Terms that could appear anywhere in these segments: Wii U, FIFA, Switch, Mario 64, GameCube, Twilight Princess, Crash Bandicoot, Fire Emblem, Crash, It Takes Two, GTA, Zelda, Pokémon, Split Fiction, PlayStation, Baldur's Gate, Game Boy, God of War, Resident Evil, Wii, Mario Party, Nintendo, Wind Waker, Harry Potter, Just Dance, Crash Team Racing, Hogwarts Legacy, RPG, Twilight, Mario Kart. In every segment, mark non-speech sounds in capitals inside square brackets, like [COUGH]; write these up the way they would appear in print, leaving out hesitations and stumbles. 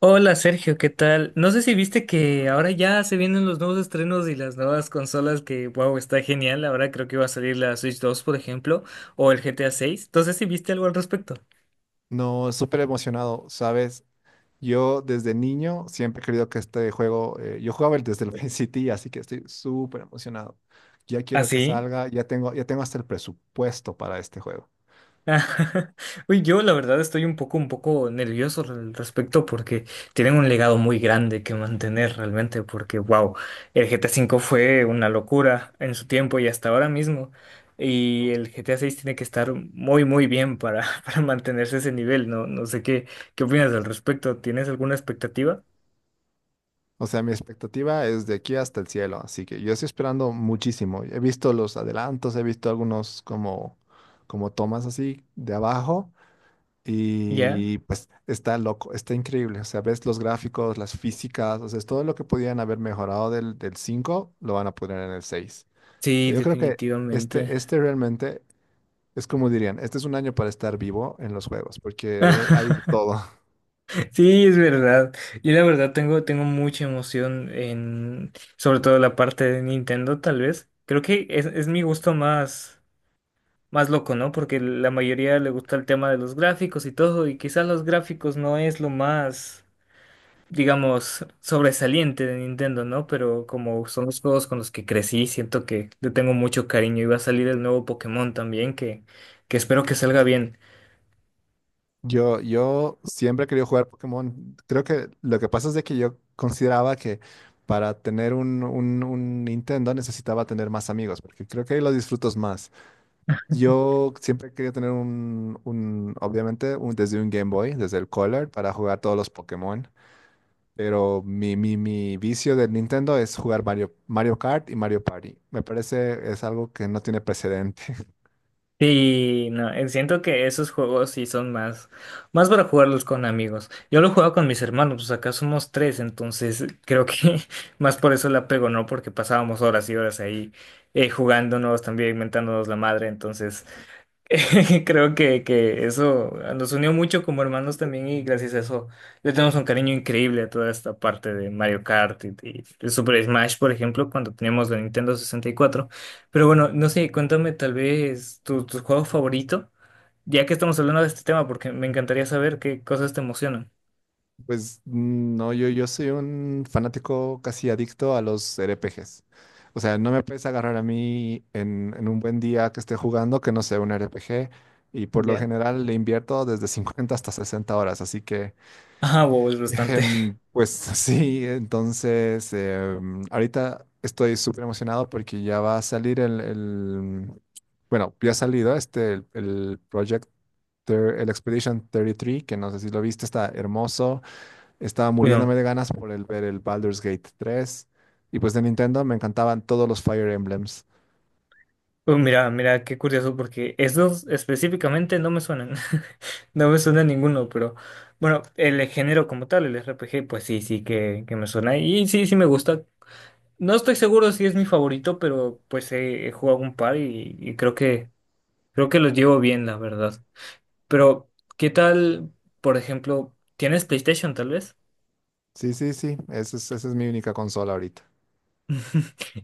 Hola Sergio, ¿qué tal? No sé si viste que ahora ya se vienen los nuevos estrenos y las nuevas consolas que, wow, está genial. Ahora creo que va a salir la Switch dos, por ejemplo, o el GTA seis. Entonces, ¿si viste algo al respecto? No, súper emocionado, ¿sabes? Yo desde niño siempre he querido que este juego, yo jugaba el desde el Vice City, así que estoy súper emocionado. Ya quiero que ¿Así? salga, ya tengo hasta el presupuesto para este juego. [LAUGHS] Uy, yo la verdad estoy un poco nervioso al respecto porque tienen un legado muy grande que mantener realmente porque, wow, el GTA V fue una locura en su tiempo y hasta ahora mismo. Y el GTA VI tiene que estar muy, muy bien para, [LAUGHS] para mantenerse ese nivel, ¿no? No sé qué opinas al respecto. ¿Tienes alguna expectativa? O sea, mi expectativa es de aquí hasta el cielo, así que yo estoy esperando muchísimo. He visto los adelantos, he visto algunos como tomas así de abajo. ¿Ya? Y pues está loco, está increíble. O sea, ves los gráficos, las físicas, o sea, es todo lo que podían haber mejorado del 5 lo van a poner en el seis. Sí, Yo creo que definitivamente. este, este realmente es como dirían, este es un año para estar vivo en los juegos, porque hay de [LAUGHS] todo. [LAUGHS] Sí, es verdad. Yo la verdad tengo mucha emoción en, sobre todo la parte de Nintendo, tal vez. Creo que es mi gusto más, más loco, ¿no? Porque la mayoría le gusta el tema de los gráficos y todo, y quizás los gráficos no es lo más, digamos, sobresaliente de Nintendo, ¿no? Pero como son los juegos con los que crecí, siento que le tengo mucho cariño. Y va a salir el nuevo Pokémon también, que espero que salga bien. Yo siempre he querido jugar Pokémon. Creo que lo que pasa es de que yo consideraba que para tener un Nintendo necesitaba tener más amigos, porque creo que ahí lo disfrutas más. Yo siempre quería tener desde un Game Boy, desde el Color, para jugar todos los Pokémon. Pero mi vicio del Nintendo es jugar Mario, Mario Kart y Mario Party. Me parece es algo que no tiene precedente. [LAUGHS] Sí, no, siento que esos juegos sí son más, más para jugarlos con amigos. Yo lo juego con mis hermanos, pues acá somos tres, entonces creo que [LAUGHS] más por eso la pego, ¿no? Porque pasábamos horas y horas ahí jugándonos, también inventándonos la madre, entonces [LAUGHS] creo que eso nos unió mucho como hermanos también y gracias a eso le tenemos un cariño increíble a toda esta parte de Mario Kart y de Super Smash, por ejemplo, cuando teníamos la Nintendo 64. Pero bueno, no sé, cuéntame tal vez tu juego favorito, ya que estamos hablando de este tema, porque me encantaría saber qué cosas te emocionan. Pues no, yo soy un fanático casi adicto a los RPGs. O sea, no me puedes agarrar a mí en un buen día que esté jugando que no sea un RPG. Y por lo Ya. general le invierto desde 50 hasta 60 horas. Así que... Ah, wow, es bastante. Pues [LAUGHS] sí, entonces ahorita estoy súper emocionado porque ya va a salir bueno, ya ha salido este, el Project, el Expedition 33, que no sé si lo viste, está hermoso. Estaba [LAUGHS] muriéndome Bueno. de ganas por ver el Baldur's Gate tres. Y pues de Nintendo me encantaban todos los Fire Emblems. Mira, mira, qué curioso, porque esos específicamente no me suenan. [LAUGHS] No me suena ninguno, pero bueno, el género como tal, el RPG, pues sí, sí que me suena. Y sí, sí me gusta. No estoy seguro si es mi favorito, pero pues he, he jugado un par y creo que los llevo bien, la verdad. Pero, ¿qué tal, por ejemplo, tienes PlayStation tal vez? Sí, sí, sí, esa es mi única consola ahorita.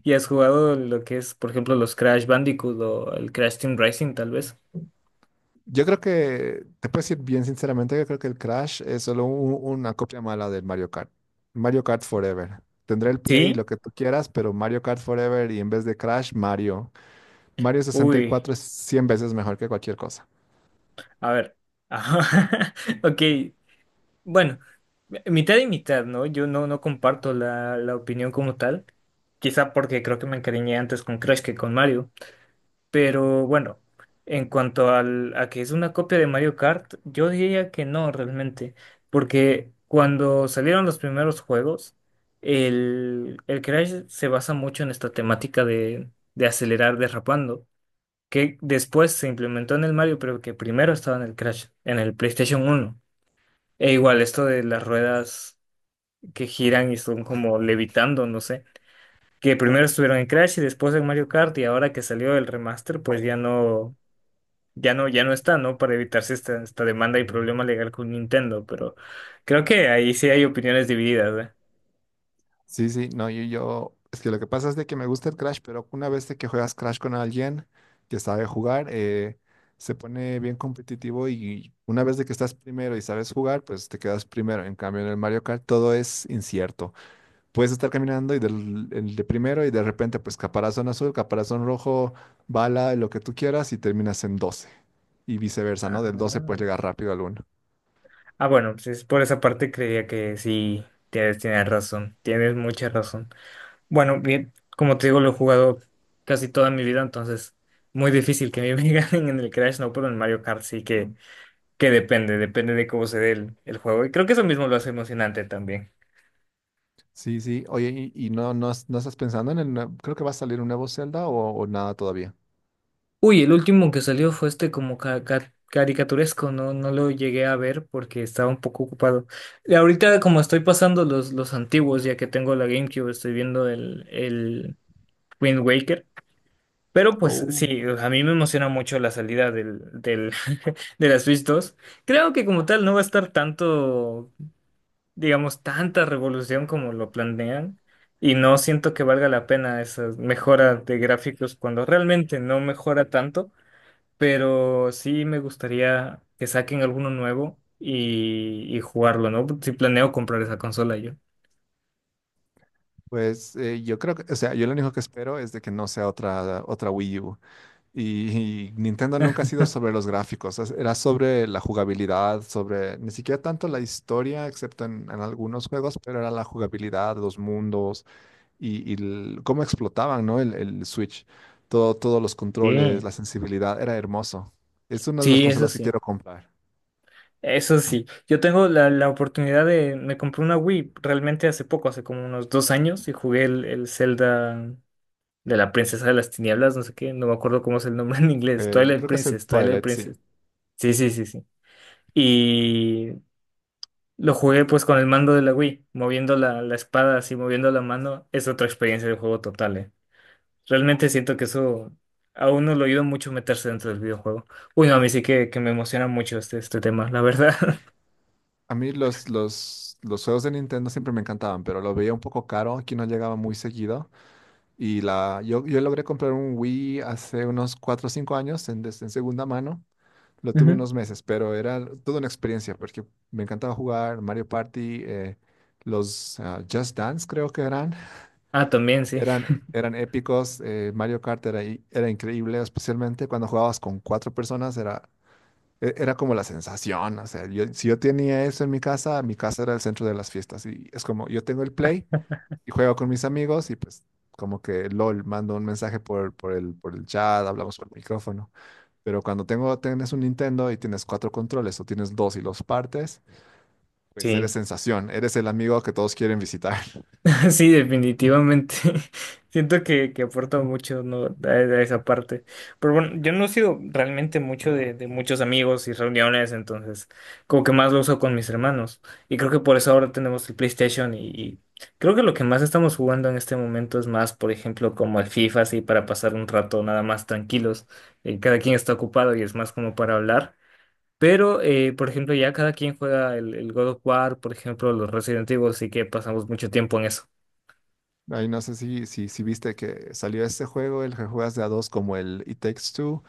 ¿Y has jugado lo que es, por ejemplo, los Crash Bandicoot o el Crash Team Racing tal vez? Yo creo que, te puedo decir bien sinceramente, yo creo que el Crash es solo una copia mala del Mario Kart. Mario Kart Forever. Tendré el Play y Sí. lo que tú quieras, pero Mario Kart Forever y en vez de Crash, Mario. Mario Uy. 64 es 100 veces mejor que cualquier cosa. A ver. Ajá. [LAUGHS] Ok. Bueno, mitad y mitad, ¿no? Yo no, no comparto la, la opinión como tal. Quizá porque creo que me encariñé antes con Crash que con Mario. Pero bueno, en cuanto al, a que es una copia de Mario Kart, yo diría que no realmente. Porque cuando salieron los primeros juegos, el Crash se basa mucho en esta temática de acelerar derrapando que después se implementó en el Mario, pero que primero estaba en el Crash, en el PlayStation uno. E igual esto de las ruedas que giran y son como levitando, no sé, que primero estuvieron en Crash y después en Mario Kart y ahora que salió el remaster, pues ya no, ya no está, ¿no? Para evitarse esta, esta demanda y problema legal con Nintendo, pero creo que ahí sí hay opiniones divididas, ¿eh? Sí, sí, no, es que lo que pasa es de que me gusta el Crash, pero una vez de que juegas Crash con alguien que sabe jugar, se pone bien competitivo y una vez de que estás primero y sabes jugar, pues te quedas primero. En cambio, en el Mario Kart todo es incierto. Puedes estar caminando y del el de primero y de repente pues caparazón azul, caparazón rojo, bala, lo que tú quieras y terminas en doce. Y viceversa, ¿no? Ah, Del 12 puedes llegar rápido al uno. ah, bueno, pues por esa parte creía que sí, tienes razón, tienes mucha razón. Bueno, bien, como te digo, lo he jugado casi toda mi vida, entonces muy difícil que me [LAUGHS] ganen en el Crash, no, pero en Mario Kart sí que depende, depende de cómo se dé el juego. Y creo que eso mismo lo hace emocionante también. Sí, sí. Oye, ¿ no estás pensando en el creo que va a salir un nuevo Zelda o nada todavía. Uy, el último que salió fue este como caricaturesco, no, no lo llegué a ver porque estaba un poco ocupado. Y ahorita como estoy pasando los antiguos, ya que tengo la GameCube, estoy viendo el Wind Waker. Pero pues Oh. sí, a mí me emociona mucho la salida [LAUGHS] de la Switch 2. Creo que como tal no va a estar tanto, digamos, tanta revolución como lo planean. Y no siento que valga la pena esa mejora de gráficos cuando realmente no mejora tanto. Pero sí me gustaría que saquen alguno nuevo y jugarlo, ¿no? Si planeo comprar esa consola yo. Pues yo creo que, o sea, yo lo único que espero es de que no sea otra Wii U. Y, y Nintendo nunca ha sido sobre los gráficos, era sobre la jugabilidad, sobre ni siquiera tanto la historia, excepto en algunos juegos, pero era la jugabilidad, los mundos y cómo explotaban, ¿no? El Switch, todo, todos los controles, Sí. la sensibilidad, era hermoso. Es una de las Sí, eso consolas que sí. quiero comprar. Eso sí, yo tengo la, la oportunidad de, me compré una Wii realmente hace poco, hace como unos dos años, y jugué el Zelda de la Princesa de las Tinieblas, no sé qué, no me acuerdo cómo es el nombre [LAUGHS] en inglés, El, Twilight creo que es el Princess, Twilight Twilight, sí. Princess. Sí, sí, sí, sí. Y lo jugué pues con el mando de la Wii, moviendo la, la espada, así moviendo la mano, es otra experiencia de juego total, eh. Realmente siento que eso a uno lo ayuda mucho meterse dentro del videojuego. Uy, no, a mí sí que me emociona mucho este, este tema, la verdad. A mí los juegos de Nintendo siempre me encantaban, pero lo veía un poco caro, aquí no llegaba muy seguido. Y la, yo logré comprar un Wii hace unos 4 o 5 años en segunda mano. [LAUGHS] Lo tuve Ujú. unos meses, pero era toda una experiencia porque me encantaba jugar Mario Party, los Just Dance creo que eran. Ah, también, sí. Eran épicos. Mario Kart era, era increíble, especialmente cuando jugabas con cuatro personas. Era, era como la sensación. O sea, si yo tenía eso en mi casa era el centro de las fiestas. Y es como, yo tengo el Play y juego con mis amigos y pues como que LOL, mando un mensaje por por el chat, hablamos por el micrófono. Pero cuando tienes un Nintendo y tienes cuatro controles o tienes dos y los partes, pues eres Sí, sensación, eres el amigo que todos quieren visitar. [LAUGHS] sí, definitivamente. [LAUGHS] Siento que aporta mucho, ¿no?, a esa parte. Pero bueno, yo no he sido realmente mucho de muchos amigos y reuniones, entonces como que más lo uso con mis hermanos. Y creo que por eso ahora tenemos el PlayStation y creo que lo que más estamos jugando en este momento es más, por ejemplo, como el FIFA, así para pasar un rato nada más tranquilos. Cada quien está ocupado y es más como para hablar. Pero, por ejemplo, ya cada quien juega el God of War, por ejemplo, los Resident Evil, así que pasamos mucho tiempo en eso. [LAUGHS] Ahí no sé si viste que salió este juego, el que juegas de a dos como el It Takes Two,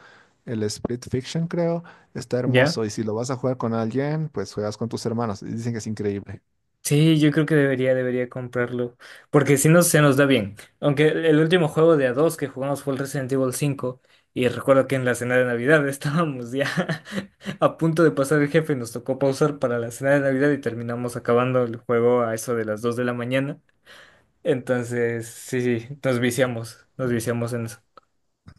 el Split Fiction creo, está ¿Ya? hermoso y si lo vas a jugar con alguien, pues juegas con tus hermanos. Y dicen que es increíble. Sí, yo creo que debería, debería comprarlo. Porque si no, se nos da bien. Aunque el último juego de a dos que jugamos fue el Resident Evil 5. Y recuerdo que en la cena de Navidad [LAUGHS] estábamos ya [LAUGHS] a punto de pasar el jefe. Nos tocó pausar para la cena de Navidad y terminamos acabando el juego a eso de las 2 de la mañana. Entonces, sí, sí, nos viciamos. Nos viciamos en eso.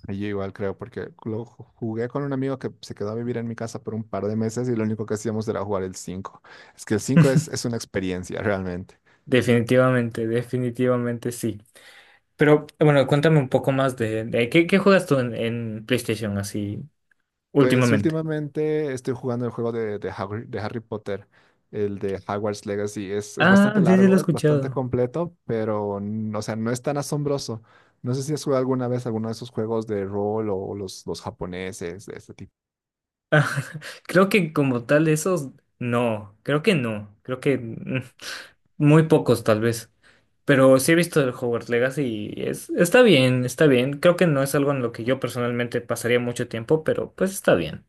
Yo igual creo, porque lo jugué con un amigo que se quedó a vivir en mi casa por un par de meses y lo único que hacíamos era jugar el cinco. Es que el 5 es una experiencia realmente. Definitivamente, definitivamente sí. Pero bueno, cuéntame un poco más de ¿qué, qué juegas tú en PlayStation así Pues últimamente? últimamente estoy jugando el juego de de Harry Potter, el de Hogwarts Legacy. Es Ah, bastante ya, ya lo he largo, es bastante escuchado. completo, pero o sea, no es tan asombroso. No sé si has jugado alguna vez alguno de esos juegos de rol o los japoneses de este tipo. Ah, [LAUGHS] creo que como tal esos, no, creo que no, creo que muy pocos tal vez. Pero sí he visto el Hogwarts Legacy y es, está bien, está bien. Creo que no es algo en lo que yo personalmente pasaría mucho tiempo, pero pues está bien.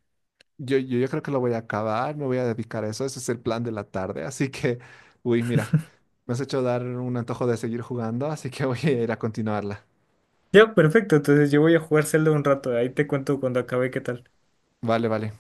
Yo creo que lo voy a acabar, me voy a dedicar a eso. Ese es el plan de la tarde, así que... Uy, mira, me has hecho dar un antojo de seguir jugando, así que voy a ir a continuarla. Ya, perfecto, entonces yo voy a jugar Zelda un rato, ahí te cuento cuando acabe qué tal. Vale, vale.